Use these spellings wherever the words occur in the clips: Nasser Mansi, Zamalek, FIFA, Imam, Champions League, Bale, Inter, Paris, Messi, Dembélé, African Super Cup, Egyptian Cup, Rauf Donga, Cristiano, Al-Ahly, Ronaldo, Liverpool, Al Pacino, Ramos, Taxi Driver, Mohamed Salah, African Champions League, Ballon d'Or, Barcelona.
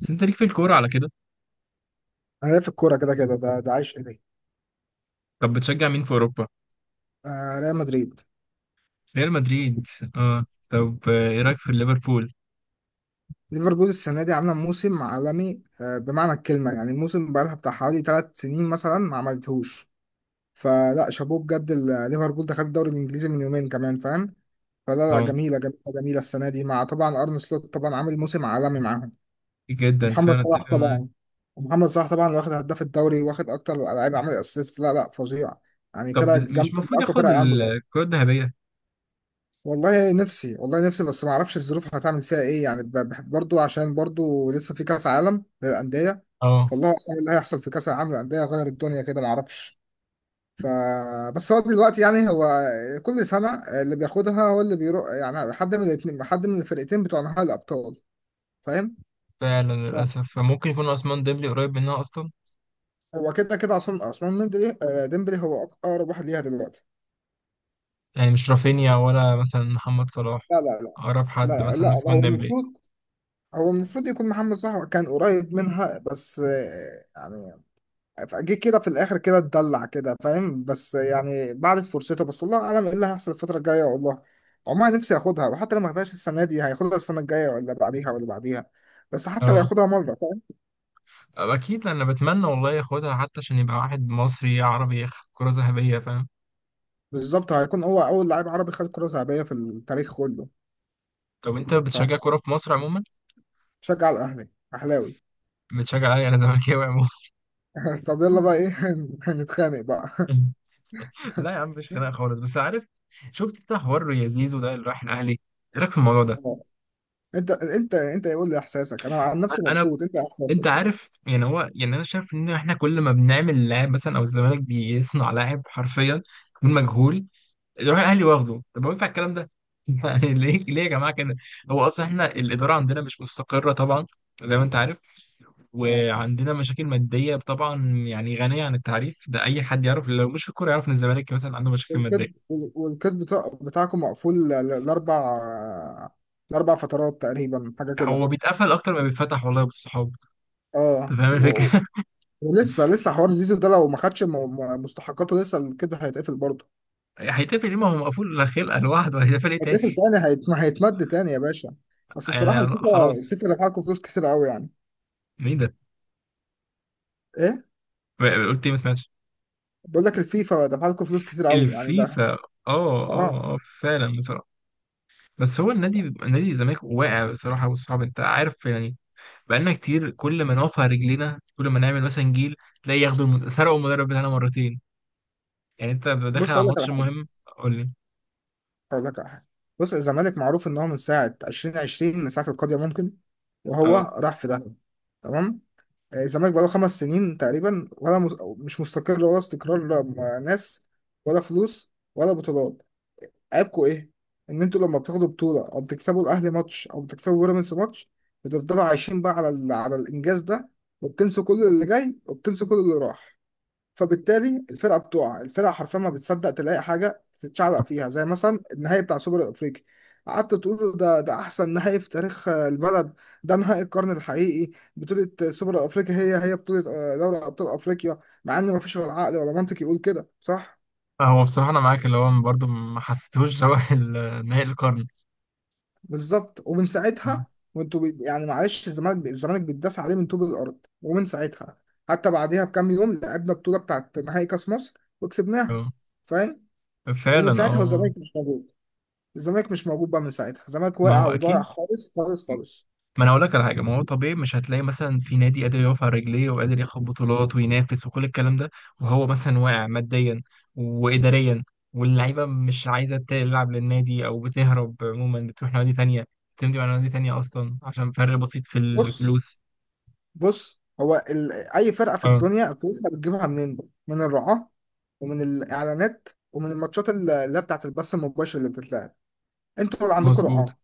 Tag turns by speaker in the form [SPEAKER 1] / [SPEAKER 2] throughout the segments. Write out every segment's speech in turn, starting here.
[SPEAKER 1] بس انت ليك في الكورة على كده.
[SPEAKER 2] انا ليا في الكوره كده كده ده عايش ايدي.
[SPEAKER 1] طب بتشجع مين في اوروبا؟
[SPEAKER 2] آه، ريال مدريد.
[SPEAKER 1] ريال مدريد، اه. طب ايه رايك في ليفربول؟
[SPEAKER 2] ليفربول السنه دي عامله موسم عالمي، بمعنى الكلمه، يعني موسم بقالها بتاع حوالي 3 سنين مثلا ما عملتهوش. فلا، شابوه بجد. ليفربول ده خد الدوري الانجليزي من يومين كمان، فاهم؟ فلا لا،
[SPEAKER 1] اه،
[SPEAKER 2] جميله جميله جميله السنه دي، مع طبعا ارن سلوت، طبعا عامل موسم عالمي معاهم.
[SPEAKER 1] جدا فعلا
[SPEAKER 2] ومحمد صلاح
[SPEAKER 1] اتفق معاك.
[SPEAKER 2] طبعا. ومحمد صلاح طبعا واخد هداف الدوري، واخد اكتر لعيب عامل اسيست. لا لا، فظيع يعني.
[SPEAKER 1] طب
[SPEAKER 2] فرقه
[SPEAKER 1] مش
[SPEAKER 2] جامده، من
[SPEAKER 1] المفروض
[SPEAKER 2] اقوى
[SPEAKER 1] ياخد
[SPEAKER 2] فرقه عنده.
[SPEAKER 1] الكرة الذهبية؟
[SPEAKER 2] والله نفسي، والله نفسي، بس ما اعرفش الظروف هتعمل فيها ايه، يعني برضو، عشان برضو لسه في كاس عالم للانديه.
[SPEAKER 1] اه
[SPEAKER 2] فالله اعلم إيه اللي هيحصل في كاس العالم للانديه، غير الدنيا كده ما اعرفش. ف بس هو دلوقتي يعني، هو كل سنه اللي بياخدها هو اللي بيروح، يعني حد من الاتنين، حد من الفرقتين بتوع نهائي الابطال، فاهم؟
[SPEAKER 1] فعلا للاسف، فممكن يكون عثمان ديمبلي قريب منها اصلا.
[SPEAKER 2] فهو كده كده عصام عثمان ديمبلي، ديمبلي هو اقرب واحد ليها دلوقتي.
[SPEAKER 1] يعني مش رافينيا ولا مثلا محمد صلاح؟
[SPEAKER 2] لا لا لا.
[SPEAKER 1] اقرب حد
[SPEAKER 2] لا
[SPEAKER 1] مثلا ممكن
[SPEAKER 2] لا،
[SPEAKER 1] يكون
[SPEAKER 2] هو
[SPEAKER 1] ديمبلي.
[SPEAKER 2] المفروض هو المفروض يكون محمد صلاح كان قريب منها، بس يعني فجه كده في الاخر كده، اتدلع كده فاهم، بس يعني بعد فرصته، بس الله اعلم ايه اللي هيحصل الفتره الجايه. والله عمري نفسي اخدها، وحتى لو ما اخدهاش السنه دي هياخدها السنه الجايه ولا بعديها ولا بعديها، بس حتى لو
[SPEAKER 1] اه
[SPEAKER 2] ياخدها مره، فاهم؟
[SPEAKER 1] اكيد، انا بتمنى والله ياخدها حتى عشان يبقى واحد مصري عربي ياخد كرة ذهبية، فاهم.
[SPEAKER 2] بالظبط، هيكون هو اول لاعب عربي خد كره ذهبيه في التاريخ كله.
[SPEAKER 1] طب انت بتشجع كرة في مصر عموما،
[SPEAKER 2] فشجع الاهلي، اهلاوي.
[SPEAKER 1] بتشجع ايه؟ انا زملكاوي عموما.
[SPEAKER 2] طب يلا بقى ايه، هنتخانق بقى.
[SPEAKER 1] لا يا عم، مفيش خناقه خالص، بس عارف، شفت انت حوار يا زيزو ده اللي راح الاهلي؟ ايه رايك في الموضوع ده؟
[SPEAKER 2] اه. انت يقول لي احساسك، انا عن نفسي
[SPEAKER 1] انا،
[SPEAKER 2] مبسوط، انت إيه
[SPEAKER 1] انت
[SPEAKER 2] احساسك؟
[SPEAKER 1] عارف، يعني هو يعني انا شايف ان احنا كل ما بنعمل لاعب مثلا، او الزمالك بيصنع لاعب حرفيا، يكون مجهول، يروح الاهلي واخده. طب هو ينفع الكلام ده؟ يعني ليه ليه يا جماعه كده؟ هو اصلا احنا الاداره عندنا مش مستقره طبعا، زي ما انت عارف،
[SPEAKER 2] اه.
[SPEAKER 1] وعندنا مشاكل ماديه طبعا، يعني غنيه عن التعريف، ده اي حد يعرف لو مش في الكوره يعرف ان الزمالك مثلا عنده مشاكل
[SPEAKER 2] والكيد،
[SPEAKER 1] ماديه.
[SPEAKER 2] والكيد بتاعكم مقفول لأربع. لأربع فترات تقريبا، حاجة كده.
[SPEAKER 1] هو بيتقفل اكتر ما بيتفتح والله بالصحاب. أنت
[SPEAKER 2] اه،
[SPEAKER 1] فاهم
[SPEAKER 2] و-
[SPEAKER 1] الفكرة؟
[SPEAKER 2] ولسه لسه حوار زيزو ده لو ما خدش مستحقاته، لسه الكيد هيتقفل برضه.
[SPEAKER 1] هيتقفل ليه؟ ما هو مقفول خلقة لوحده، هيتقفل إيه تاني؟
[SPEAKER 2] هيتقفل تاني، ما هيتمد تاني يا باشا. بس الصراحة،
[SPEAKER 1] يعني
[SPEAKER 2] الفيفا
[SPEAKER 1] خلاص.
[SPEAKER 2] الفيفا دفع لكم فلوس كتير قوي يعني.
[SPEAKER 1] مين ده؟
[SPEAKER 2] ايه؟
[SPEAKER 1] قلت إيه؟ ما سمعتش.
[SPEAKER 2] بقول لك الفيفا دفع لكم فلوس كتير قوي يعني، ده
[SPEAKER 1] الفيفا، آه.
[SPEAKER 2] اه.
[SPEAKER 1] آه آه فعلا بصراحة. بس هو النادي، نادي الزمالك واقع بصراحة، والصعب أنت عارف يعني، بقالنا كتير كل ما نقف على رجلينا، كل ما نعمل مثلا جيل تلاقي ياخدوا سرقوا المدرب بتاعنا مرتين، يعني أنت داخل
[SPEAKER 2] بص،
[SPEAKER 1] على
[SPEAKER 2] اقول لك على
[SPEAKER 1] ماتش
[SPEAKER 2] حاجة.
[SPEAKER 1] مهم. قول لي.
[SPEAKER 2] هقول لك على حاجه. بص، الزمالك معروف ان هو من ساعه 2020، من ساعه القضيه ممكن، وهو
[SPEAKER 1] آه.
[SPEAKER 2] راح في داهيه. تمام. آه، الزمالك بقاله 5 سنين تقريبا، ولا مش مستقر، ولا استقرار، لا م- ناس ولا فلوس ولا بطولات. عيبكوا ايه؟ ان انتوا لما بتاخدوا بطوله، او بتكسبوا الاهلي ماتش او بتكسبوا بيراميدز ماتش، بتفضلوا عايشين بقى على الانجاز ده، وبتنسوا كل اللي جاي وبتنسوا كل اللي راح. فبالتالي الفرقه بتقع، الفرقه حرفيا ما بتصدق تلاقي حاجه تتشعلق فيها، زي مثلا النهائي بتاع سوبر الافريقي. قعدت تقول ده، ده احسن نهائي في تاريخ البلد، ده نهائي القرن الحقيقي، بطوله سوبر الافريقي، هي بطوله دوري ابطال افريقيا، مع ان ما فيش ولا عقل ولا منطق يقول كده صح.
[SPEAKER 1] هو بصراحة أنا معاك، اللي هو برضه ما حسيتهوش شبه نهائي القرن.
[SPEAKER 2] بالظبط، ومن
[SPEAKER 1] آه
[SPEAKER 2] ساعتها وانتوا يعني معلش، الزمالك بيتداس عليه من طوب الارض، ومن ساعتها حتى بعديها بكام يوم لعبنا بطوله بتاعت نهائي كاس مصر وكسبناها،
[SPEAKER 1] آه
[SPEAKER 2] فاهم. ومن
[SPEAKER 1] فعلا
[SPEAKER 2] ساعتها
[SPEAKER 1] آه.
[SPEAKER 2] والزمالك مش موجود. الزمالك مش موجود بقى من ساعتها، الزمالك
[SPEAKER 1] ما
[SPEAKER 2] واقع
[SPEAKER 1] هو
[SPEAKER 2] وضايع
[SPEAKER 1] أكيد،
[SPEAKER 2] خالص خالص خالص.
[SPEAKER 1] ما انا هقول لك على حاجه، ما هو طبيعي مش هتلاقي مثلا في نادي قادر يقف على رجليه، وقادر ياخد بطولات، وينافس وكل الكلام ده، وهو مثلا واقع ماديا واداريا، واللعيبه مش عايزه تلعب للنادي او بتهرب عموما، بتروح نوادي تانية، بتمضي على نوادي تانية اصلا عشان فرق بسيط في
[SPEAKER 2] بص
[SPEAKER 1] الفلوس.
[SPEAKER 2] بص، هو اي فرقه في
[SPEAKER 1] اه
[SPEAKER 2] الدنيا فلوسها بتجيبها منين بقى؟ من الرعاه، ومن الاعلانات، ومن الماتشات اللي هي بتاعت البث المباشر اللي بتتلعب. انتوا اللي عندكم
[SPEAKER 1] مظبوط.
[SPEAKER 2] رعاه؟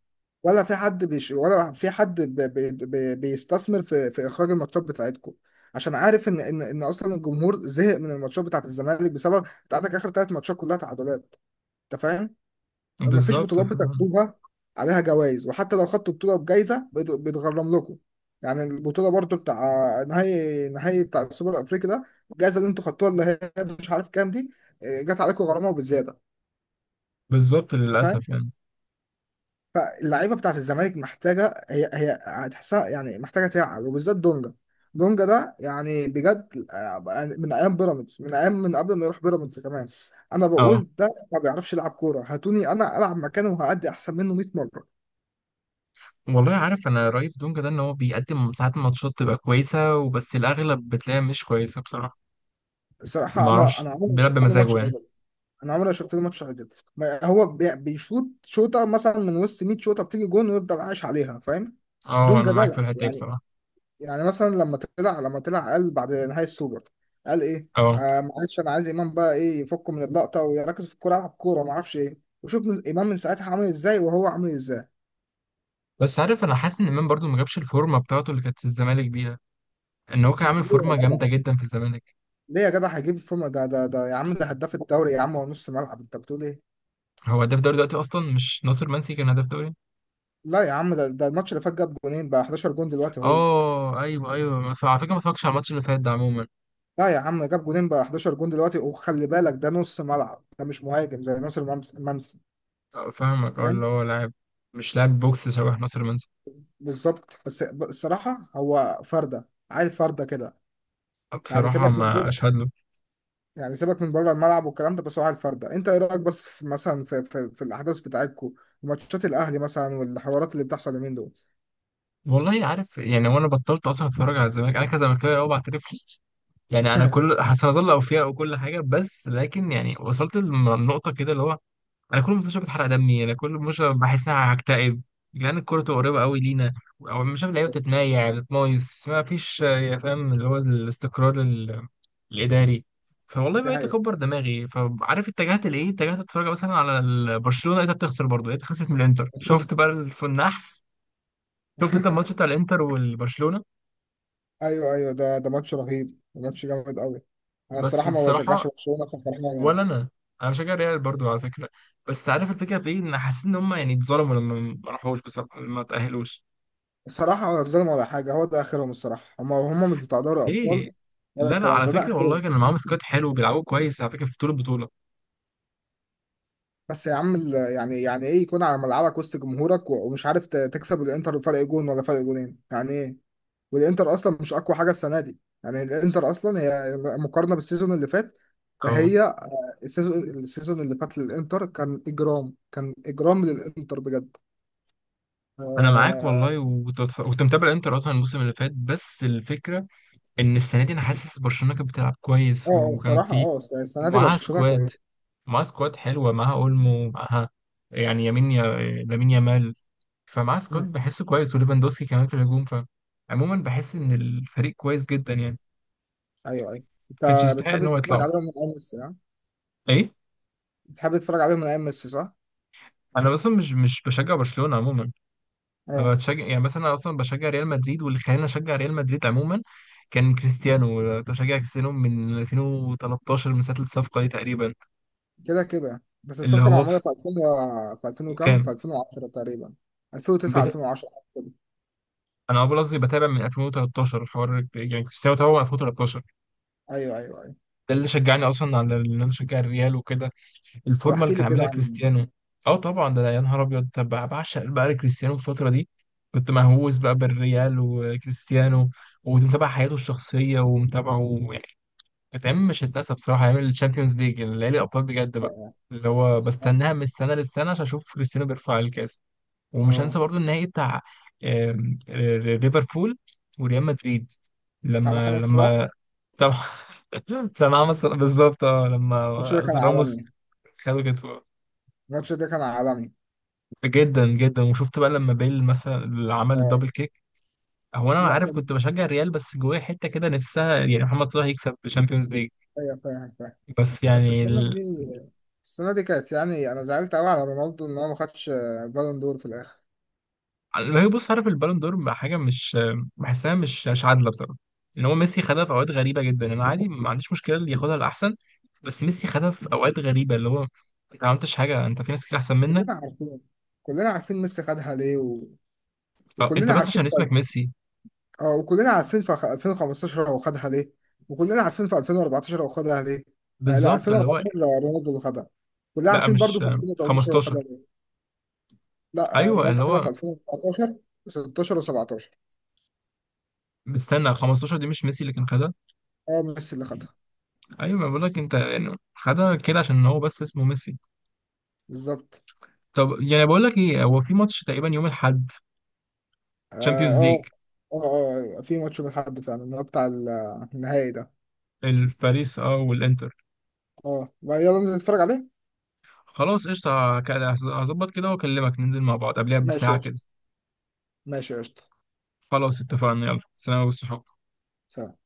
[SPEAKER 2] ولا في حد بيستثمر في في اخراج الماتشات بتاعتكم؟ عشان عارف ان اصلا الجمهور زهق من الماتشات بتاعت الزمالك، بسبب بتاعتك اخر 3 ماتشات كلها تعادلات، انت فاهم؟ ما فيش
[SPEAKER 1] بالظبط
[SPEAKER 2] بطولات
[SPEAKER 1] فاهم.
[SPEAKER 2] بتاخدوها عليها جوائز، وحتى لو خدتوا بطولة بجايزة بيتغرم لكم. يعني البطولة برضو بتاع نهائي. نهائي بتاع السوبر الأفريقي ده، الجائزة اللي انتوا خدتوها اللي هي مش عارف كام دي، إيه، جت عليكم غرامة وبزيادة.
[SPEAKER 1] بالظبط
[SPEAKER 2] انت فاهم؟
[SPEAKER 1] للاسف يعني.
[SPEAKER 2] فاللعيبة بتاعت الزمالك محتاجة، هي هتحسها، يعني محتاجة تعقل، وبالذات دونجا. دونجا ده يعني بجد، يعني من أيام بيراميدز، من أيام من قبل ما يروح بيراميدز كمان. أنا
[SPEAKER 1] اه
[SPEAKER 2] بقول ده ما بيعرفش يلعب كورة، هاتوني أنا ألعب مكانه وهأدي أحسن منه 100 مرة.
[SPEAKER 1] والله عارف، انا رايف دونجا ده ان هو بيقدم ساعات ماتشات تبقى كويسه، وبس الاغلب بتلاقيها مش كويسه بصراحه.
[SPEAKER 2] صراحة،
[SPEAKER 1] ما
[SPEAKER 2] أنا
[SPEAKER 1] اعرفش،
[SPEAKER 2] أنا عمري ما
[SPEAKER 1] بيلعب
[SPEAKER 2] شفت له ماتش
[SPEAKER 1] بمزاجه يعني.
[SPEAKER 2] عدل. أنا عمري ما شفت له ماتش عدل. ما هو بيشوط شوطة مثلا من وسط 100 شوطة بتيجي جون، ويفضل عايش عليها فاهم.
[SPEAKER 1] اه
[SPEAKER 2] دون
[SPEAKER 1] انا معاك في
[SPEAKER 2] جدال
[SPEAKER 1] الحته دي
[SPEAKER 2] يعني.
[SPEAKER 1] بصراحه.
[SPEAKER 2] يعني مثلا لما طلع، لما طلع قال بعد نهاية السوبر، قال إيه؟
[SPEAKER 1] اه
[SPEAKER 2] آه معلش، أنا عايز إمام بقى إيه، يفكه من اللقطة ويركز في الكورة، يلعب كورة ما أعرفش إيه. وشوف إمام من ساعتها عامل إزاي، وهو عامل إزاي.
[SPEAKER 1] بس عارف، انا حاسس ان امام برضو ما جابش الفورمه بتاعته اللي كانت في الزمالك بيها، ان هو كان عامل
[SPEAKER 2] ليه يا
[SPEAKER 1] فورمه جامده
[SPEAKER 2] جدع،
[SPEAKER 1] جدا في الزمالك.
[SPEAKER 2] ليه يا جدع هيجيب الفورمة؟ ده يا عم، ده هداف الدوري يا عم، هو نص ملعب، أنت بتقول إيه؟
[SPEAKER 1] هو هداف دوري دلوقتي اصلا، مش ناصر منسي كان هداف دوري.
[SPEAKER 2] لا يا عم، ده, ده الماتش اللي فات جاب جونين بقى، 11 جون دلوقتي هو.
[SPEAKER 1] اه ايوه ايوه، على فكره ما اتفرجتش على الماتش اللي فات ده عموما.
[SPEAKER 2] لا يا عم جاب جونين بقى، 11 جون دلوقتي، وخلي بالك ده نص ملعب، ده مش مهاجم زي ناصر منسي.
[SPEAKER 1] آه،
[SPEAKER 2] انت
[SPEAKER 1] فاهمك، اه اللي
[SPEAKER 2] فاهم؟
[SPEAKER 1] هو لاعب، مش لاعب بوكس شبه ناصر منسي.
[SPEAKER 2] بالظبط، بس الصراحه هو فرده عيل، فرده كده.
[SPEAKER 1] اه،
[SPEAKER 2] يعني
[SPEAKER 1] بصراحه
[SPEAKER 2] سيبك
[SPEAKER 1] ما
[SPEAKER 2] من بره،
[SPEAKER 1] اشهد له.
[SPEAKER 2] يعني سيبك من بره الملعب والكلام ده، بس هو عيل فرده. انت ايه رايك بس في مثلا، في, الاحداث بتاعتكم، وماتشات الاهلي مثلا، والحوارات اللي بتحصل اليومين دول.
[SPEAKER 1] والله عارف يعني، وانا بطلت اصلا اتفرج على الزمالك، انا كزملكاوي اه بعترف. يعني انا كل هظل اوفياء وكل حاجه، بس لكن يعني وصلت لنقطه كده اللي هو، انا كل ما بشوف بتحرق دمي، انا كل ما بشوف بحس ان انا هكتئب، لان الكوره تبقى قريبه قوي لينا، او مش شايف اللعيبه بتتمايع بتتمايس ما فيش يا فاهم اللي هو الاستقرار الاداري. فوالله
[SPEAKER 2] دي
[SPEAKER 1] بقيت
[SPEAKER 2] حقيقه.
[SPEAKER 1] اكبر دماغي، فعارف اتجهت لايه؟ اتجهت اتفرج مثلا على برشلونه، لقيتها بتخسر برضه، لقيتها خسرت من الانتر، شفت بقى النحس. شفت انت الماتش بتاع الانتر والبرشلونه؟
[SPEAKER 2] ايوه ايوه، ده ماتش رهيب، ماتش جامد قوي. انا
[SPEAKER 1] بس
[SPEAKER 2] الصراحه ما
[SPEAKER 1] الصراحه،
[SPEAKER 2] بشجعش برشلونه، ففرحان يعني.
[SPEAKER 1] ولا انا، انا بشجع ريال برضه على فكره. بس عارف الفكره في ايه؟ ان حاسس ان هم يعني اتظلموا لما ما راحوش بصراحه، لما ما تاهلوش.
[SPEAKER 2] بصراحة ظلم ولا حاجة، هو ده آخرهم الصراحة، هما هما مش بتاع دوري أبطال
[SPEAKER 1] ليه؟
[SPEAKER 2] ولا
[SPEAKER 1] لا لا
[SPEAKER 2] الكلام
[SPEAKER 1] على
[SPEAKER 2] ده، ده
[SPEAKER 1] فكرة والله،
[SPEAKER 2] آخرهم.
[SPEAKER 1] كان معاهم سكواد حلو وبيلعبوا كويس على فكرة في طول البطولة.
[SPEAKER 2] بس يا عم يعني، يعني إيه يكون على ملعبك وسط جمهورك ومش عارف تكسب الإنتر فرق جون ولا فرق جونين، يعني إيه؟ والإنتر أصلا مش أقوى حاجة السنة دي، يعني الإنتر أصلا هي مقارنة بالسيزون اللي فات،
[SPEAKER 1] اه
[SPEAKER 2] فهي السيزون اللي فات للإنتر كان إجرام، كان إجرام للإنتر بجد.
[SPEAKER 1] انا معاك
[SPEAKER 2] آه
[SPEAKER 1] والله، وتتف- وكنت بتف- كنت متابع انتر اصلا الموسم اللي فات، بس الفكرة ان السنة دي انا حاسس برشلونة كانت بتلعب كويس، وكان
[SPEAKER 2] الصراحة
[SPEAKER 1] في
[SPEAKER 2] آه. السنة دي
[SPEAKER 1] ومعاها
[SPEAKER 2] برشلونة
[SPEAKER 1] سكواد،
[SPEAKER 2] كويس.
[SPEAKER 1] معاها سكواد حلوة، معاها اولمو، معاها يعني يمين يا لامين يامال، فمعاها سكواد
[SPEAKER 2] مم.
[SPEAKER 1] بحسه كويس، وليفاندوسكي كمان في الهجوم، فعموما بحس ان الفريق كويس جدا يعني.
[SPEAKER 2] أيوه أيوه.
[SPEAKER 1] ما كانش
[SPEAKER 2] أنت
[SPEAKER 1] يستحق
[SPEAKER 2] بتحب
[SPEAKER 1] ان هو
[SPEAKER 2] تتفرج
[SPEAKER 1] يطلع.
[SPEAKER 2] عليهم من أول السنة؟
[SPEAKER 1] ايه؟
[SPEAKER 2] بتحب تتفرج عليهم من ايام ميسي صح؟
[SPEAKER 1] انا اصلا مش بشجع برشلونة عموما. انا
[SPEAKER 2] اه
[SPEAKER 1] بشجع يعني مثلا، انا اصلا بشجع ريال مدريد، واللي خلاني اشجع ريال مدريد عموما كان كريستيانو، كنت بشجع كريستيانو من 2013، من ساعه الصفقه دي تقريبا.
[SPEAKER 2] كده كده، بس
[SPEAKER 1] اللي
[SPEAKER 2] الصفقه
[SPEAKER 1] هو بس،
[SPEAKER 2] معموله في 2000 في 2000 وكام؟ في
[SPEAKER 1] وكان
[SPEAKER 2] 2010 تقريبا. 2009،
[SPEAKER 1] بت...
[SPEAKER 2] 2010 كده.
[SPEAKER 1] انا اول قصدي بتابع من 2013 الحوار، يعني كريستيانو تابعه من 2013.
[SPEAKER 2] ايوه ايوه ايوه.
[SPEAKER 1] ده اللي شجعني اصلا على ان انا اشجع الريال وكده،
[SPEAKER 2] طب
[SPEAKER 1] الفورمه
[SPEAKER 2] احكي
[SPEAKER 1] اللي كان
[SPEAKER 2] لي كده
[SPEAKER 1] عاملها
[SPEAKER 2] عن
[SPEAKER 1] كريستيانو. اه طبعا، ده أنا يا نهار ابيض، طب بعشق بقى كريستيانو في الفتره دي، كنت مهووس بقى بالريال وكريستيانو، وكنت متابع حياته الشخصيه ومتابعه. الأيام مش هتنسى بصراحة، أيام الشامبيونز ليج اللي هي الأبطال بجد بقى، اللي هو
[SPEAKER 2] الصراحه.
[SPEAKER 1] بستناها من السنة للسنة عشان أشوف كريستيانو بيرفع الكاس. ومش هنسى
[SPEAKER 2] اه،
[SPEAKER 1] برضو النهائي بتاع، آم، ر- ليفربول وريال مدريد،
[SPEAKER 2] بتاع
[SPEAKER 1] لما
[SPEAKER 2] محمد صلاح.
[SPEAKER 1] لما طبعا. طبعا عمل بالظبط، اه لما
[SPEAKER 2] الماتش ده كان
[SPEAKER 1] راموس
[SPEAKER 2] عالمي.
[SPEAKER 1] خدوا كتفه.
[SPEAKER 2] الماتش ده كان عالمي.
[SPEAKER 1] جدا جدا. وشفت بقى لما بيل مثلا اللي عمل
[SPEAKER 2] اه.
[SPEAKER 1] الدبل كيك؟ هو انا
[SPEAKER 2] لا
[SPEAKER 1] عارف كنت بشجع الريال، بس جوايا حته كده نفسها يعني محمد صلاح يكسب الشامبيونز ليج.
[SPEAKER 2] ايوه، فاهم فاهم.
[SPEAKER 1] بس
[SPEAKER 2] بس
[SPEAKER 1] يعني،
[SPEAKER 2] السنه دي، السنه دي كانت، يعني انا زعلت قوي على رونالدو ان هو ما خدش بالون دور في الاخر.
[SPEAKER 1] لا بص، عارف البالون دور بقى حاجه مش بحسها، مش مش عادله بصراحه. ان هو ميسي خدها في اوقات غريبه جدا، انا عادي ما عنديش مشكله اللي ياخدها الاحسن، بس ميسي خدها في اوقات غريبه، اللي هو انت ما عملتش حاجه، انت في ناس كتير احسن منك،
[SPEAKER 2] كلنا عارفين. كلنا عارفين ميسي خدها ليه،
[SPEAKER 1] أو انت
[SPEAKER 2] وكلنا
[SPEAKER 1] بس
[SPEAKER 2] عارفين.
[SPEAKER 1] عشان اسمك ميسي.
[SPEAKER 2] اه، وكلنا عارفين في 2015 هو خدها ليه، وكلنا عارفين في 2014 هو خدها ليه. آه لا،
[SPEAKER 1] بالظبط اللي هو،
[SPEAKER 2] 2014 رونالدو اللي خدها. كلنا
[SPEAKER 1] لا
[SPEAKER 2] عارفين برضو
[SPEAKER 1] مش
[SPEAKER 2] في 2013 هو
[SPEAKER 1] 15.
[SPEAKER 2] خدها ليه. لا آه،
[SPEAKER 1] ايوه،
[SPEAKER 2] رونالدو
[SPEAKER 1] اللي
[SPEAKER 2] خدها
[SPEAKER 1] هو
[SPEAKER 2] في 2014 و16 و17.
[SPEAKER 1] مستنى 15، دي مش ميسي اللي كان خدها.
[SPEAKER 2] اه، ميسي اللي خدها.
[SPEAKER 1] ايوه، ما بقول لك انت، يعني خدها كده عشان هو بس اسمه ميسي.
[SPEAKER 2] بالظبط.
[SPEAKER 1] طب يعني بقول لك ايه، هو في ماتش تقريبا يوم الاحد،
[SPEAKER 2] اه
[SPEAKER 1] تشامبيونز ليج،
[SPEAKER 2] اه اه. في ماتش من حد فعلا اللي هو بتاع النهائي ده.
[SPEAKER 1] الباريس اه والانتر.
[SPEAKER 2] اه يلا ننزل نتفرج عليه.
[SPEAKER 1] خلاص قشطة، هظبط كده واكلمك ننزل مع بعض قبلها
[SPEAKER 2] ماشي يا
[SPEAKER 1] بساعة كده.
[SPEAKER 2] قشطة. ماشي يا قشطة،
[SPEAKER 1] خلاص اتفقنا، يلا سلام والصحاب.
[SPEAKER 2] سلام.